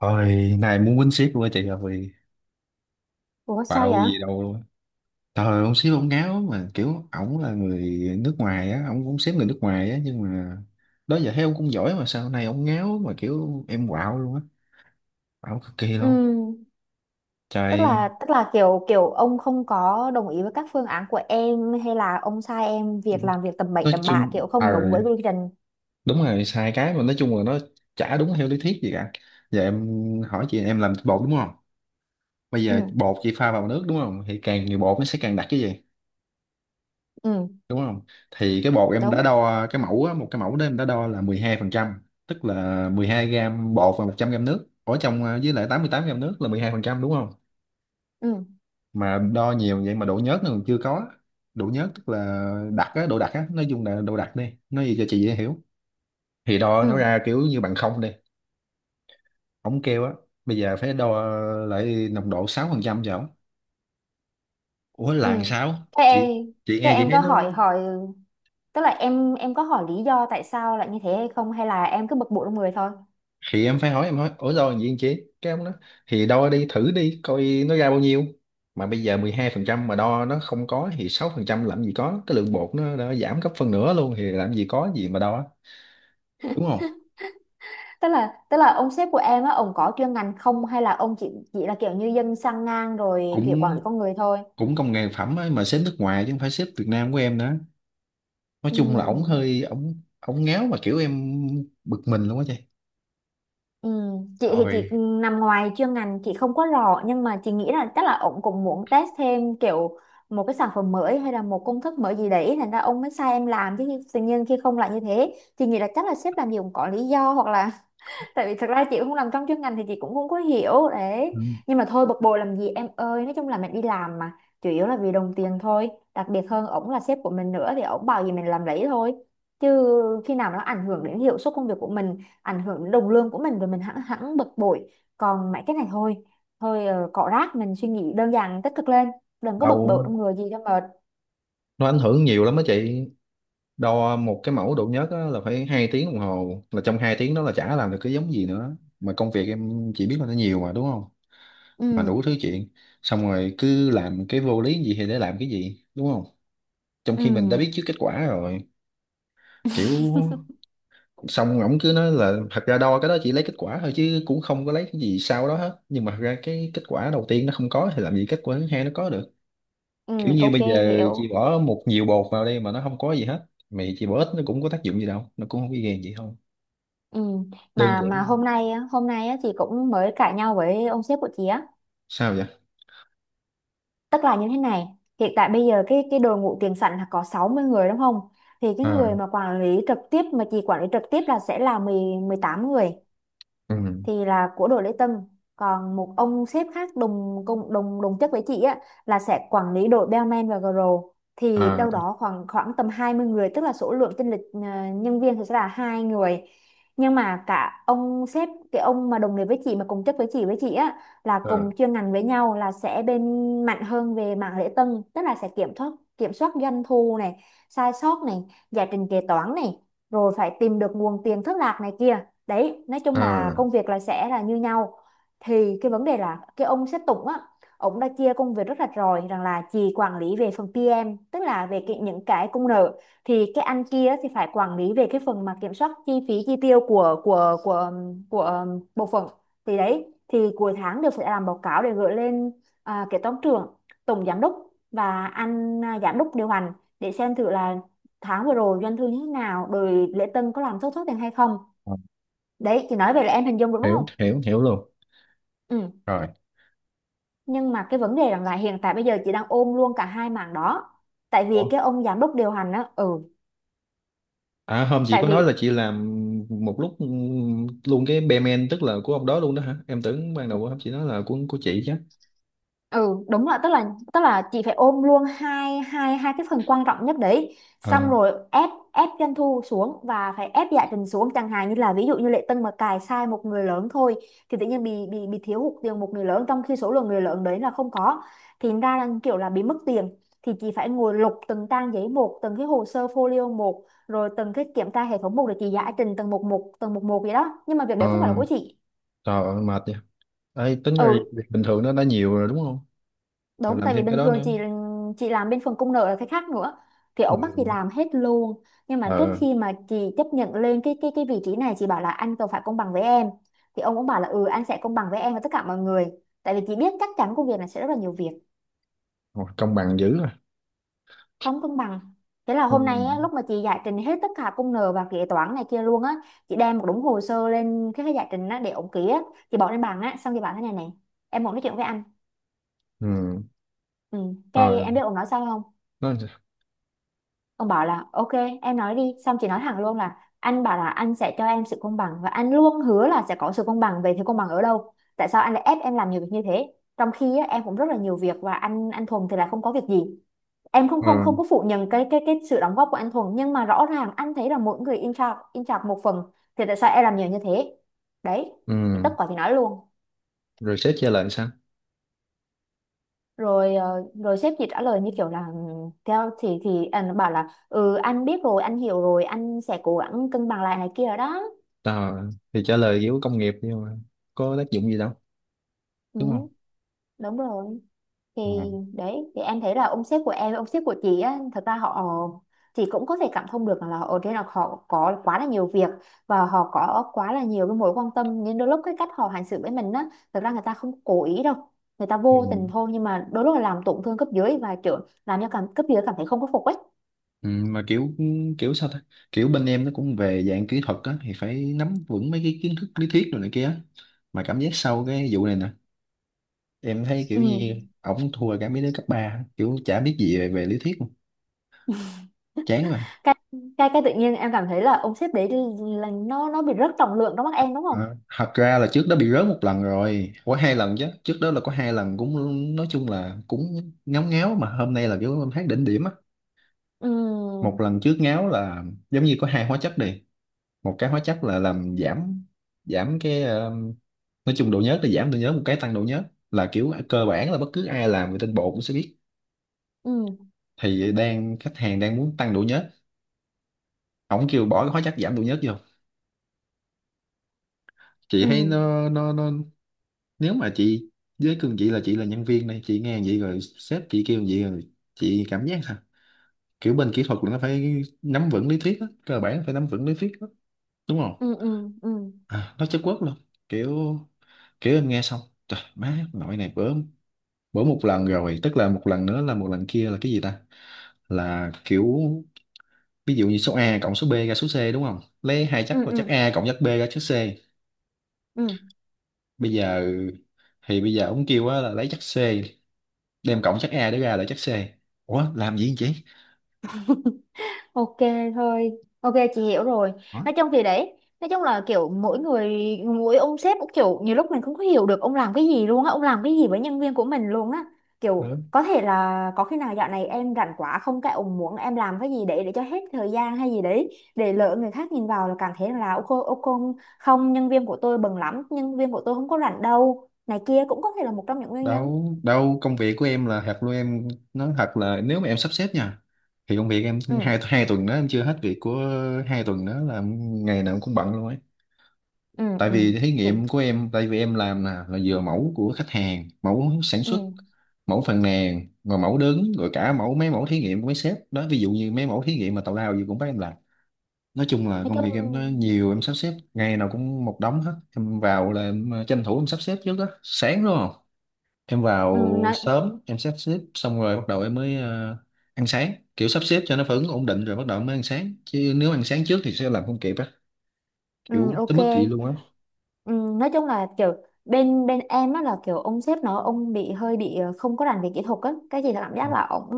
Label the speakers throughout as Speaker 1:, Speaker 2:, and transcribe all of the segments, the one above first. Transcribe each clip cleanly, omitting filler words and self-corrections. Speaker 1: Thôi, này muốn quýnh ship luôn á chị rồi.
Speaker 2: Ủa sao
Speaker 1: Bạo
Speaker 2: vậy?
Speaker 1: gì đâu luôn á. Trời, ông ship ông ngáo mà kiểu ổng là người nước ngoài á, ổng cũng ship người nước ngoài á nhưng mà đó giờ thấy ông cũng giỏi mà sao này ông ngáo mà kiểu em quạo luôn á, quạo cực kỳ luôn.
Speaker 2: Ừm, tức
Speaker 1: Trời,
Speaker 2: là tức là kiểu kiểu ông không có đồng ý với các phương án của em hay là ông sai em việc làm việc tầm bậy
Speaker 1: nói
Speaker 2: tầm bạ
Speaker 1: chung
Speaker 2: kiểu không đúng với quy trình.
Speaker 1: đúng rồi sai cái mà nói chung là nó chả đúng theo lý thuyết gì cả. Giờ em hỏi chị, em làm bột đúng không? Bây giờ
Speaker 2: Ừ,
Speaker 1: bột chị pha vào nước đúng không? Thì càng nhiều bột nó sẽ càng đặc cái gì?
Speaker 2: ừ,
Speaker 1: Đúng không, thì cái bột em đã
Speaker 2: đúng.
Speaker 1: đo cái mẫu á, một cái mẫu đó em đã đo là 12 phần trăm, tức là 12 gram bột và 100 gram nước ở trong à, với lại 88 gram nước là 12 phần trăm đúng không.
Speaker 2: Ừ,
Speaker 1: Mà đo nhiều vậy mà độ nhớt nó còn chưa có. Độ nhớt tức là đặc á, độ đặc á, nói chung là độ đặc đi, nói gì cho chị dễ hiểu. Thì đo nó
Speaker 2: ừ,
Speaker 1: ra kiểu như bằng không đi. Ổng kêu á, bây giờ phải đo lại nồng độ 6 phần trăm cho ổng. Ủa là làm
Speaker 2: ừ.
Speaker 1: sao
Speaker 2: Thế
Speaker 1: chị
Speaker 2: em,
Speaker 1: chị
Speaker 2: thế
Speaker 1: nghe chị
Speaker 2: em
Speaker 1: thấy
Speaker 2: có
Speaker 1: nó.
Speaker 2: hỏi hỏi tức là em có hỏi lý do tại sao lại như thế hay không hay là em cứ bực bội trong người thôi.
Speaker 1: Thì em phải hỏi, em hỏi ủa rồi gì anh chị, cái ông đó thì đo đi thử đi coi nó ra bao nhiêu, mà bây giờ 12 phần trăm mà đo nó không có thì 6 phần trăm làm gì có, cái lượng bột nó đã giảm gấp phân nửa luôn thì làm gì có gì mà đo, đúng không.
Speaker 2: Tức là ông sếp của em á ông có chuyên ngành không hay là ông chỉ là kiểu như dân sang ngang rồi kiểu quản
Speaker 1: cũng
Speaker 2: lý con người thôi.
Speaker 1: cũng công nghệ phẩm ấy, mà xếp nước ngoài chứ không phải xếp Việt Nam của em nữa. Nói chung là ổng
Speaker 2: Ừ.
Speaker 1: hơi, ổng ổng ngáo mà kiểu em bực mình luôn á chị.
Speaker 2: Ừ, chị thì chị
Speaker 1: Ôi,
Speaker 2: nằm ngoài chuyên ngành chị không có rõ, nhưng mà chị nghĩ là chắc là ông cũng muốn test thêm kiểu một cái sản phẩm mới hay là một công thức mới gì đấy, thành ra ông mới sai em làm. Chứ tự nhiên khi không lại như thế, chị nghĩ là chắc là sếp làm gì cũng có lý do, hoặc là tại vì thật ra chị không làm trong chuyên ngành thì chị cũng không có hiểu
Speaker 1: ừ,
Speaker 2: đấy. Nhưng mà thôi, bực bội làm gì em ơi, nói chung là mình đi làm mà, chủ yếu là vì đồng tiền thôi. Đặc biệt hơn ổng là sếp của mình nữa thì ổng bảo gì mình làm đấy thôi, chứ khi nào mà nó ảnh hưởng đến hiệu suất công việc của mình, ảnh hưởng đến đồng lương của mình rồi mình hẳn hẳn bực bội. Còn mấy cái này thôi, thôi cọ rác mình suy nghĩ đơn giản tích cực lên, đừng có bực bội
Speaker 1: đâu,
Speaker 2: trong người gì cho mệt.
Speaker 1: nó ảnh hưởng nhiều lắm á chị. Đo một cái mẫu độ nhớt á, là phải hai tiếng đồng hồ, là trong hai tiếng đó là chả làm được cái giống gì nữa, mà công việc em chỉ biết là nó nhiều mà, đúng không.
Speaker 2: ừ
Speaker 1: Mà đủ thứ chuyện, xong rồi cứ làm cái vô lý gì thì để làm cái gì, đúng không, trong
Speaker 2: ừ
Speaker 1: khi mình đã biết trước kết quả rồi. Kiểu xong ổng cứ nói là thật ra đo cái đó chỉ lấy kết quả thôi chứ cũng không có lấy cái gì sau đó hết, nhưng mà thật ra cái kết quả đầu tiên nó không có thì làm gì kết quả thứ hai nó có được.
Speaker 2: ừ
Speaker 1: Kiểu như
Speaker 2: ok,
Speaker 1: bây giờ
Speaker 2: hiểu.
Speaker 1: chị bỏ một nhiều bột vào đây mà nó không có gì hết, mày chị bỏ ít nó cũng có tác dụng gì đâu, nó cũng không có gây gì không.
Speaker 2: Ừ.
Speaker 1: Đơn
Speaker 2: Mà
Speaker 1: giản.
Speaker 2: hôm nay á, chị cũng mới cãi nhau với ông sếp của chị á,
Speaker 1: Sao vậy?
Speaker 2: tức là như thế này. Hiện tại bây giờ cái đội ngũ tiền sảnh là có 60 người đúng không, thì cái
Speaker 1: À,
Speaker 2: người mà quản lý trực tiếp mà chị quản lý trực tiếp là sẽ là mười, mười tám người,
Speaker 1: ừ,
Speaker 2: thì là của đội lễ tân. Còn một ông sếp khác đồng cùng đồng đồng chức với chị á, là sẽ quản lý đội bellman và girl, thì
Speaker 1: à,
Speaker 2: đâu đó khoảng khoảng tầm 20 người, tức là số lượng chênh lệch à, nhân viên thì sẽ là hai người. Nhưng mà cả ông sếp, cái ông mà đồng nghiệp với chị mà cùng chức với chị á, là cùng
Speaker 1: à,
Speaker 2: chuyên ngành với nhau, là sẽ bên mạnh hơn về mảng lễ tân, tức là sẽ kiểm soát doanh thu này, sai sót này, giải trình kế toán này, rồi phải tìm được nguồn tiền thất lạc này kia. Đấy, nói chung là
Speaker 1: à,
Speaker 2: công việc là sẽ là như nhau. Thì cái vấn đề là cái ông sếp Tùng á, ông đã chia công việc rất rạch ròi rằng là chị quản lý về phần PM, tức là về cái, những cái công nợ, thì cái anh kia thì phải quản lý về cái phần mà kiểm soát chi phí chi tiêu của của bộ phận. Thì đấy, thì cuối tháng đều phải làm báo cáo để gửi lên kế toán trưởng, tổng giám đốc và giám đốc điều hành, để xem thử là tháng vừa rồi doanh thu như thế nào, rồi lễ tân có làm thất thoát tiền hay không.
Speaker 1: à,
Speaker 2: Đấy, chị nói vậy là em hình dung được đúng
Speaker 1: hiểu
Speaker 2: không?
Speaker 1: hiểu hiểu luôn,
Speaker 2: Ừ.
Speaker 1: rồi.
Speaker 2: Nhưng mà cái vấn đề rằng là hiện tại bây giờ chị đang ôm luôn cả hai mảng đó. Tại
Speaker 1: Ủa?
Speaker 2: vì cái ông giám đốc điều hành á,
Speaker 1: À, hôm chị
Speaker 2: tại
Speaker 1: có nói là
Speaker 2: vì
Speaker 1: chị làm một lúc, luôn cái bellman, tức là của ông đó luôn đó hả, em tưởng ban đầu hôm chị nói là của chị chứ.
Speaker 2: ừ đúng là tức là chị phải ôm luôn hai hai hai cái phần quan trọng nhất đấy, xong
Speaker 1: À,
Speaker 2: rồi ép ép doanh thu xuống và phải ép giải trình xuống, chẳng hạn như là ví dụ như Lệ Tân mà cài sai một người lớn thôi, thì tự nhiên bị bị thiếu hụt tiền một người lớn, trong khi số lượng người lớn đấy là không có, thì ra là kiểu là bị mất tiền, thì chị phải ngồi lục từng trang giấy một, từng cái hồ sơ folio một, rồi từng cái kiểm tra hệ thống một để chị giải trình từng một một, từng một một vậy đó, nhưng mà việc
Speaker 1: à,
Speaker 2: đấy không phải là của chị.
Speaker 1: trời ơi, mệt vậy. Ấy tính ra
Speaker 2: ừ.
Speaker 1: việc bình thường nó đã nhiều rồi đúng không, rồi
Speaker 2: Đúng,
Speaker 1: làm
Speaker 2: tại vì
Speaker 1: thêm cái
Speaker 2: bình
Speaker 1: đó
Speaker 2: thường
Speaker 1: nữa.
Speaker 2: chị làm bên phần công nợ là cái khác nữa, thì
Speaker 1: Ừ.
Speaker 2: ổng bắt chị làm hết luôn. Nhưng mà trước
Speaker 1: Ờ,
Speaker 2: khi mà chị chấp nhận lên cái vị trí này, chị bảo là anh cần phải công bằng với em, thì ông cũng bảo là ừ anh sẽ công bằng với em và tất cả mọi người. Tại vì chị biết chắc chắn công việc này sẽ rất là nhiều việc,
Speaker 1: ủa, công bằng dữ à?
Speaker 2: không công bằng. Thế là hôm nay á,
Speaker 1: Không.
Speaker 2: lúc mà chị giải trình hết tất cả công nợ và kế toán này kia luôn á, chị đem một đống hồ sơ lên cái giải trình á để ổng ký á, chị bỏ lên bàn á xong chị bảo thế này này, em muốn nói chuyện với anh.
Speaker 1: Ừ.
Speaker 2: Ừ. Cái
Speaker 1: Rồi.
Speaker 2: em biết ổng nói sao không.
Speaker 1: Nó.
Speaker 2: Ông bảo là ok, em nói đi. Xong chị nói thẳng luôn là anh bảo là anh sẽ cho em sự công bằng, và anh luôn hứa là sẽ có sự công bằng, về thế công bằng ở đâu? Tại sao anh lại ép em làm nhiều việc như thế, trong khi á, em cũng rất là nhiều việc, và anh Thuần thì lại không có việc gì. Em không
Speaker 1: Ờ,
Speaker 2: không không có phủ nhận cái sự đóng góp của anh Thuần, nhưng mà rõ ràng anh thấy là mỗi người in charge một phần. Thì tại sao em làm nhiều như thế? Đấy, thì
Speaker 1: ừ.
Speaker 2: tất cả thì nói luôn.
Speaker 1: Rồi sếp chia lại sao?
Speaker 2: Rồi rồi sếp chỉ trả lời như kiểu là "Ừ, theo thì anh bảo là ừ anh biết rồi, anh hiểu rồi, anh sẽ cố gắng cân bằng lại này kia rồi đó.
Speaker 1: Ờ, thì trả lời kiểu công nghiệp, nhưng mà có tác dụng gì đâu,
Speaker 2: Ừ,
Speaker 1: đúng không.
Speaker 2: đúng rồi. Thì
Speaker 1: Ờ.
Speaker 2: đấy, thì em thấy là ông sếp của em, ông sếp của chị á, thật ra họ, chị cũng có thể cảm thông được là ở trên là họ có quá là nhiều việc và họ có quá là nhiều cái mối quan tâm, nên đôi lúc cái cách họ hành xử với mình á, thật ra người ta không cố ý đâu, người ta vô
Speaker 1: Ừ.
Speaker 2: tình thôi, nhưng mà đôi lúc là làm tổn thương cấp dưới và kiểu làm cho cảm cấp dưới cảm thấy không có phục ấy.
Speaker 1: Ừ, mà kiểu, sao ta, kiểu bên em nó cũng về dạng kỹ thuật á, thì phải nắm vững mấy cái kiến thức lý thuyết rồi này kia á. Mà cảm giác sau cái vụ này nè, em thấy
Speaker 2: ừ.
Speaker 1: kiểu như ổng thua cả mấy đứa cấp ba, kiểu chả biết gì về lý thuyết luôn. Chán rồi.
Speaker 2: Cái cái cái tự nhiên em cảm thấy là ông sếp đấy là nó bị rất trọng lượng trong mắt em đúng không.
Speaker 1: Ờ. Thật ra là trước đó bị rớt một lần rồi, có hai lần chứ, trước đó là có hai lần cũng nói chung là cũng ngáo ngáo, mà hôm nay là kiểu em thấy đỉnh điểm á.
Speaker 2: Ừ
Speaker 1: Một lần trước ngáo là giống như có hai hóa chất đi, một cái hóa chất là làm giảm, cái nói chung độ nhớt, là giảm độ nhớt, một cái tăng độ nhớt, là kiểu cơ bản là bất cứ ai làm về tinh bột cũng sẽ biết.
Speaker 2: ừ
Speaker 1: Thì đang khách hàng đang muốn tăng độ nhớt, ổng kêu bỏ cái hóa chất giảm độ nhớt vô. Chị
Speaker 2: ừ
Speaker 1: thấy nó, nó, nếu mà chị, với cương chị là nhân viên này, chị nghe vậy rồi sếp chị kêu vậy rồi chị cảm giác sao? Kiểu bên kỹ thuật là nó phải nắm vững lý thuyết á, cơ bản phải nắm vững lý thuyết á, đúng không.
Speaker 2: ừ ừ ừ
Speaker 1: À, nói chất quốc luôn. Kiểu kiểu em nghe xong, trời má nội này bữa, một lần rồi, tức là một lần nữa, là một lần kia là cái gì ta. Là kiểu ví dụ như số A cộng số B ra số C, đúng không, lấy hai chắc,
Speaker 2: ừ
Speaker 1: là chắc
Speaker 2: ừ
Speaker 1: A cộng chắc B ra chắc C.
Speaker 2: ừ
Speaker 1: Bây giờ thì bây giờ ông kêu á là lấy chắc C đem cộng chắc A để ra lại chắc C. Ủa làm gì vậy chị.
Speaker 2: Ok, thôi, ok chị hiểu rồi. Nói chung thì đấy, nói chung là kiểu mỗi người, mỗi ông sếp cũng kiểu nhiều lúc mình không có hiểu được ông làm cái gì luôn á, ông làm cái gì với nhân viên của mình luôn á.
Speaker 1: Ủa?
Speaker 2: Kiểu có thể là có khi nào dạo này em rảnh quá không, cái ông muốn em làm cái gì để cho hết thời gian hay gì đấy, để lỡ người khác nhìn vào là cảm thấy là ô cô không, nhân viên của tôi bận lắm, nhân viên của tôi không có rảnh đâu. Này kia cũng có thể là một trong những nguyên nhân.
Speaker 1: Đâu, đâu, công việc của em là thật luôn em. Nói thật là nếu mà em sắp xếp nha, thì công việc em
Speaker 2: Ừ,
Speaker 1: hai hai tuần đó em chưa hết việc của, hai tuần đó là ngày nào em cũng bận luôn ấy.
Speaker 2: ừ,
Speaker 1: Tại
Speaker 2: ừ.
Speaker 1: vì thí
Speaker 2: Chị,
Speaker 1: nghiệm của em, tại vì em làm nè là vừa mẫu của khách hàng, mẫu sản xuất,
Speaker 2: ừ.
Speaker 1: mẫu phàn nàn, rồi mẫu đứng, rồi cả mẫu, mấy mẫu thí nghiệm của mấy sếp đó, ví dụ như mấy mẫu thí nghiệm mà tào lao gì cũng bắt em làm. Nói chung là
Speaker 2: Nói
Speaker 1: công việc em nó
Speaker 2: chung
Speaker 1: nhiều, em sắp xếp ngày nào cũng một đống hết, em vào là em tranh thủ em sắp xếp trước đó sáng, đúng không. Em
Speaker 2: ừ,
Speaker 1: vào
Speaker 2: nói.
Speaker 1: sớm em sắp xếp xong rồi bắt đầu em mới ăn sáng, kiểu sắp xếp cho nó phản ứng ổn định rồi bắt đầu mới ăn sáng, chứ nếu ăn sáng trước thì sẽ làm không kịp á. Kiểu
Speaker 2: Ừ,
Speaker 1: tới
Speaker 2: ok.
Speaker 1: mức vậy luôn á.
Speaker 2: Ừ, nói chung là kiểu bên bên em á là kiểu ông sếp nó ông bị hơi bị không có rành về kỹ thuật á, cái gì là cảm giác là ông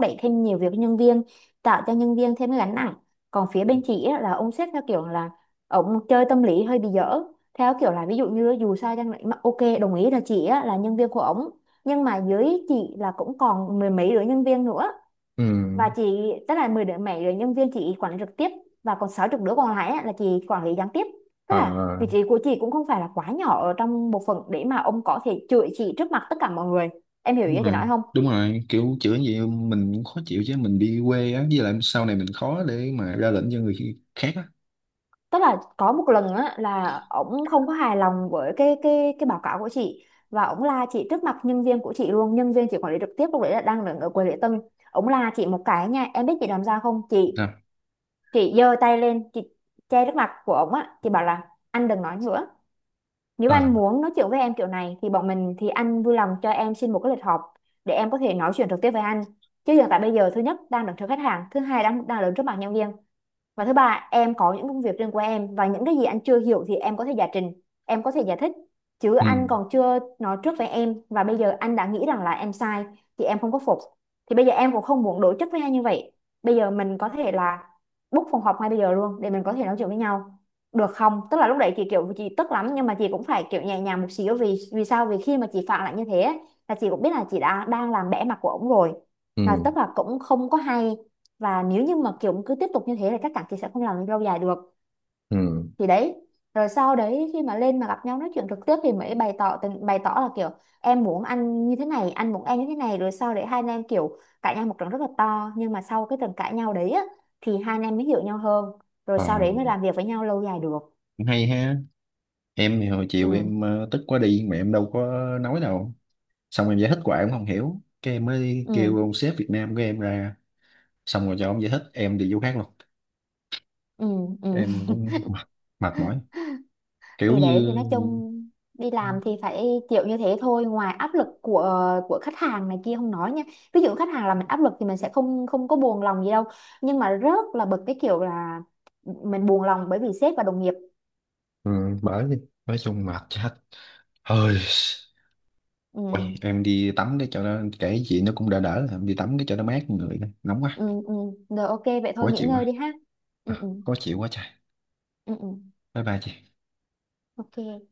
Speaker 2: đẩy thêm nhiều việc cho nhân viên, tạo cho nhân viên thêm cái gánh nặng. Còn phía bên chị á, là ông sếp theo kiểu là ông chơi tâm lý hơi bị dở, theo kiểu là ví dụ như dù sao chăng nữa mà ok đồng ý là chị á, là nhân viên của ổng, nhưng mà dưới chị là cũng còn mười mấy đứa nhân viên nữa,
Speaker 1: Ừ,
Speaker 2: và chị tức là 10 đứa nhân viên chị quản lý trực tiếp, và còn sáu chục đứa còn lại á, là chị quản lý gián tiếp, tức
Speaker 1: ờ,
Speaker 2: là vị trí của chị cũng không phải là quá nhỏ ở trong bộ phận để mà ông có thể chửi chị trước mặt tất cả mọi người, em hiểu ý
Speaker 1: đúng
Speaker 2: chị
Speaker 1: rồi
Speaker 2: nói không.
Speaker 1: đúng rồi, kiểu chữa gì mình cũng khó chịu chứ, mình đi quê á, với lại sau này mình khó để mà ra lệnh cho người khác á.
Speaker 2: Tức là có một lần á, là ổng không có hài lòng với cái báo cáo của chị, và ổng la chị trước mặt nhân viên của chị luôn, nhân viên chị quản lý trực tiếp, lúc đấy là đang đứng ở quầy lễ tân. Ổng la chị một cái nha, em biết chị làm sao không chị?
Speaker 1: Sao?
Speaker 2: Chị giơ tay lên, chị che trước mặt của ổng á, chị bảo là anh đừng nói nữa. Nếu
Speaker 1: Ờ,
Speaker 2: anh muốn nói chuyện với em kiểu này thì bọn mình thì anh vui lòng cho em xin một cái lịch họp để em có thể nói chuyện trực tiếp với anh. Chứ hiện tại bây giờ thứ nhất đang đứng trước khách hàng, thứ hai đang đang đứng trước mặt nhân viên, và thứ ba em có những công việc riêng của em, và những cái gì anh chưa hiểu thì em có thể giải trình, em có thể giải thích, chứ
Speaker 1: ừ,
Speaker 2: anh còn chưa nói trước với em và bây giờ anh đã nghĩ rằng là em sai thì em không có phục. Thì bây giờ em cũng không muốn đối chất với anh như vậy, bây giờ mình có thể là book phòng họp ngay bây giờ luôn để mình có thể nói chuyện với nhau được không. Tức là lúc đấy chị kiểu chị tức lắm, nhưng mà chị cũng phải kiểu nhẹ nhàng một xíu, vì vì sao vì khi mà chị phản lại như thế ấy, là chị cũng biết là chị đã đang làm bẽ mặt của ổng rồi, là
Speaker 1: ừ,
Speaker 2: tức là cũng không có hay, và nếu như mà kiểu cứ tiếp tục như thế thì chắc chắn chị sẽ không làm lâu dài được.
Speaker 1: ừ,
Speaker 2: Thì đấy, rồi sau đấy khi mà lên mà gặp nhau nói chuyện trực tiếp thì mới bày tỏ là kiểu em muốn anh như thế này, anh muốn em như thế này, rồi sau đấy hai anh em kiểu cãi nhau một trận rất là to, nhưng mà sau cái trận cãi nhau đấy á, thì hai anh em mới hiểu nhau hơn, rồi
Speaker 1: ờ,
Speaker 2: sau đấy mới làm việc với nhau lâu dài được.
Speaker 1: cũng hay ha. Em thì hồi
Speaker 2: ừ
Speaker 1: chiều em tức quá đi mà em đâu có nói đâu, xong em giải thích hoài ông không hiểu, cái em mới kêu
Speaker 2: ừ
Speaker 1: ông sếp Việt Nam của em ra, xong rồi cho ông giải thích em đi vô khác luôn.
Speaker 2: ừ ừ
Speaker 1: Em cũng mệt, mệt mỏi, kiểu
Speaker 2: thì đấy thì
Speaker 1: như,
Speaker 2: nói chung đi làm thì phải chịu như thế thôi, ngoài áp lực của khách hàng này kia không nói nha, ví dụ khách hàng là mình áp lực thì mình sẽ không không có buồn lòng gì đâu, nhưng mà rất là bực cái kiểu là mình buồn lòng bởi vì sếp và đồng nghiệp.
Speaker 1: ừ, bởi đi, nói chung mệt chết, hơi.
Speaker 2: ừ,
Speaker 1: Ôi, em đi tắm cái chỗ nó kể chuyện nó cũng đỡ, đỡ em đi tắm cái chỗ nó mát, người nóng quá.
Speaker 2: ừ, ừ. Rồi ok vậy thôi
Speaker 1: Khó
Speaker 2: nghỉ
Speaker 1: chịu
Speaker 2: ngơi
Speaker 1: quá.
Speaker 2: đi ha. ừ,
Speaker 1: À,
Speaker 2: ừ,
Speaker 1: khó chịu quá trời.
Speaker 2: ừ, ừ.
Speaker 1: Bye bye chị.
Speaker 2: ok.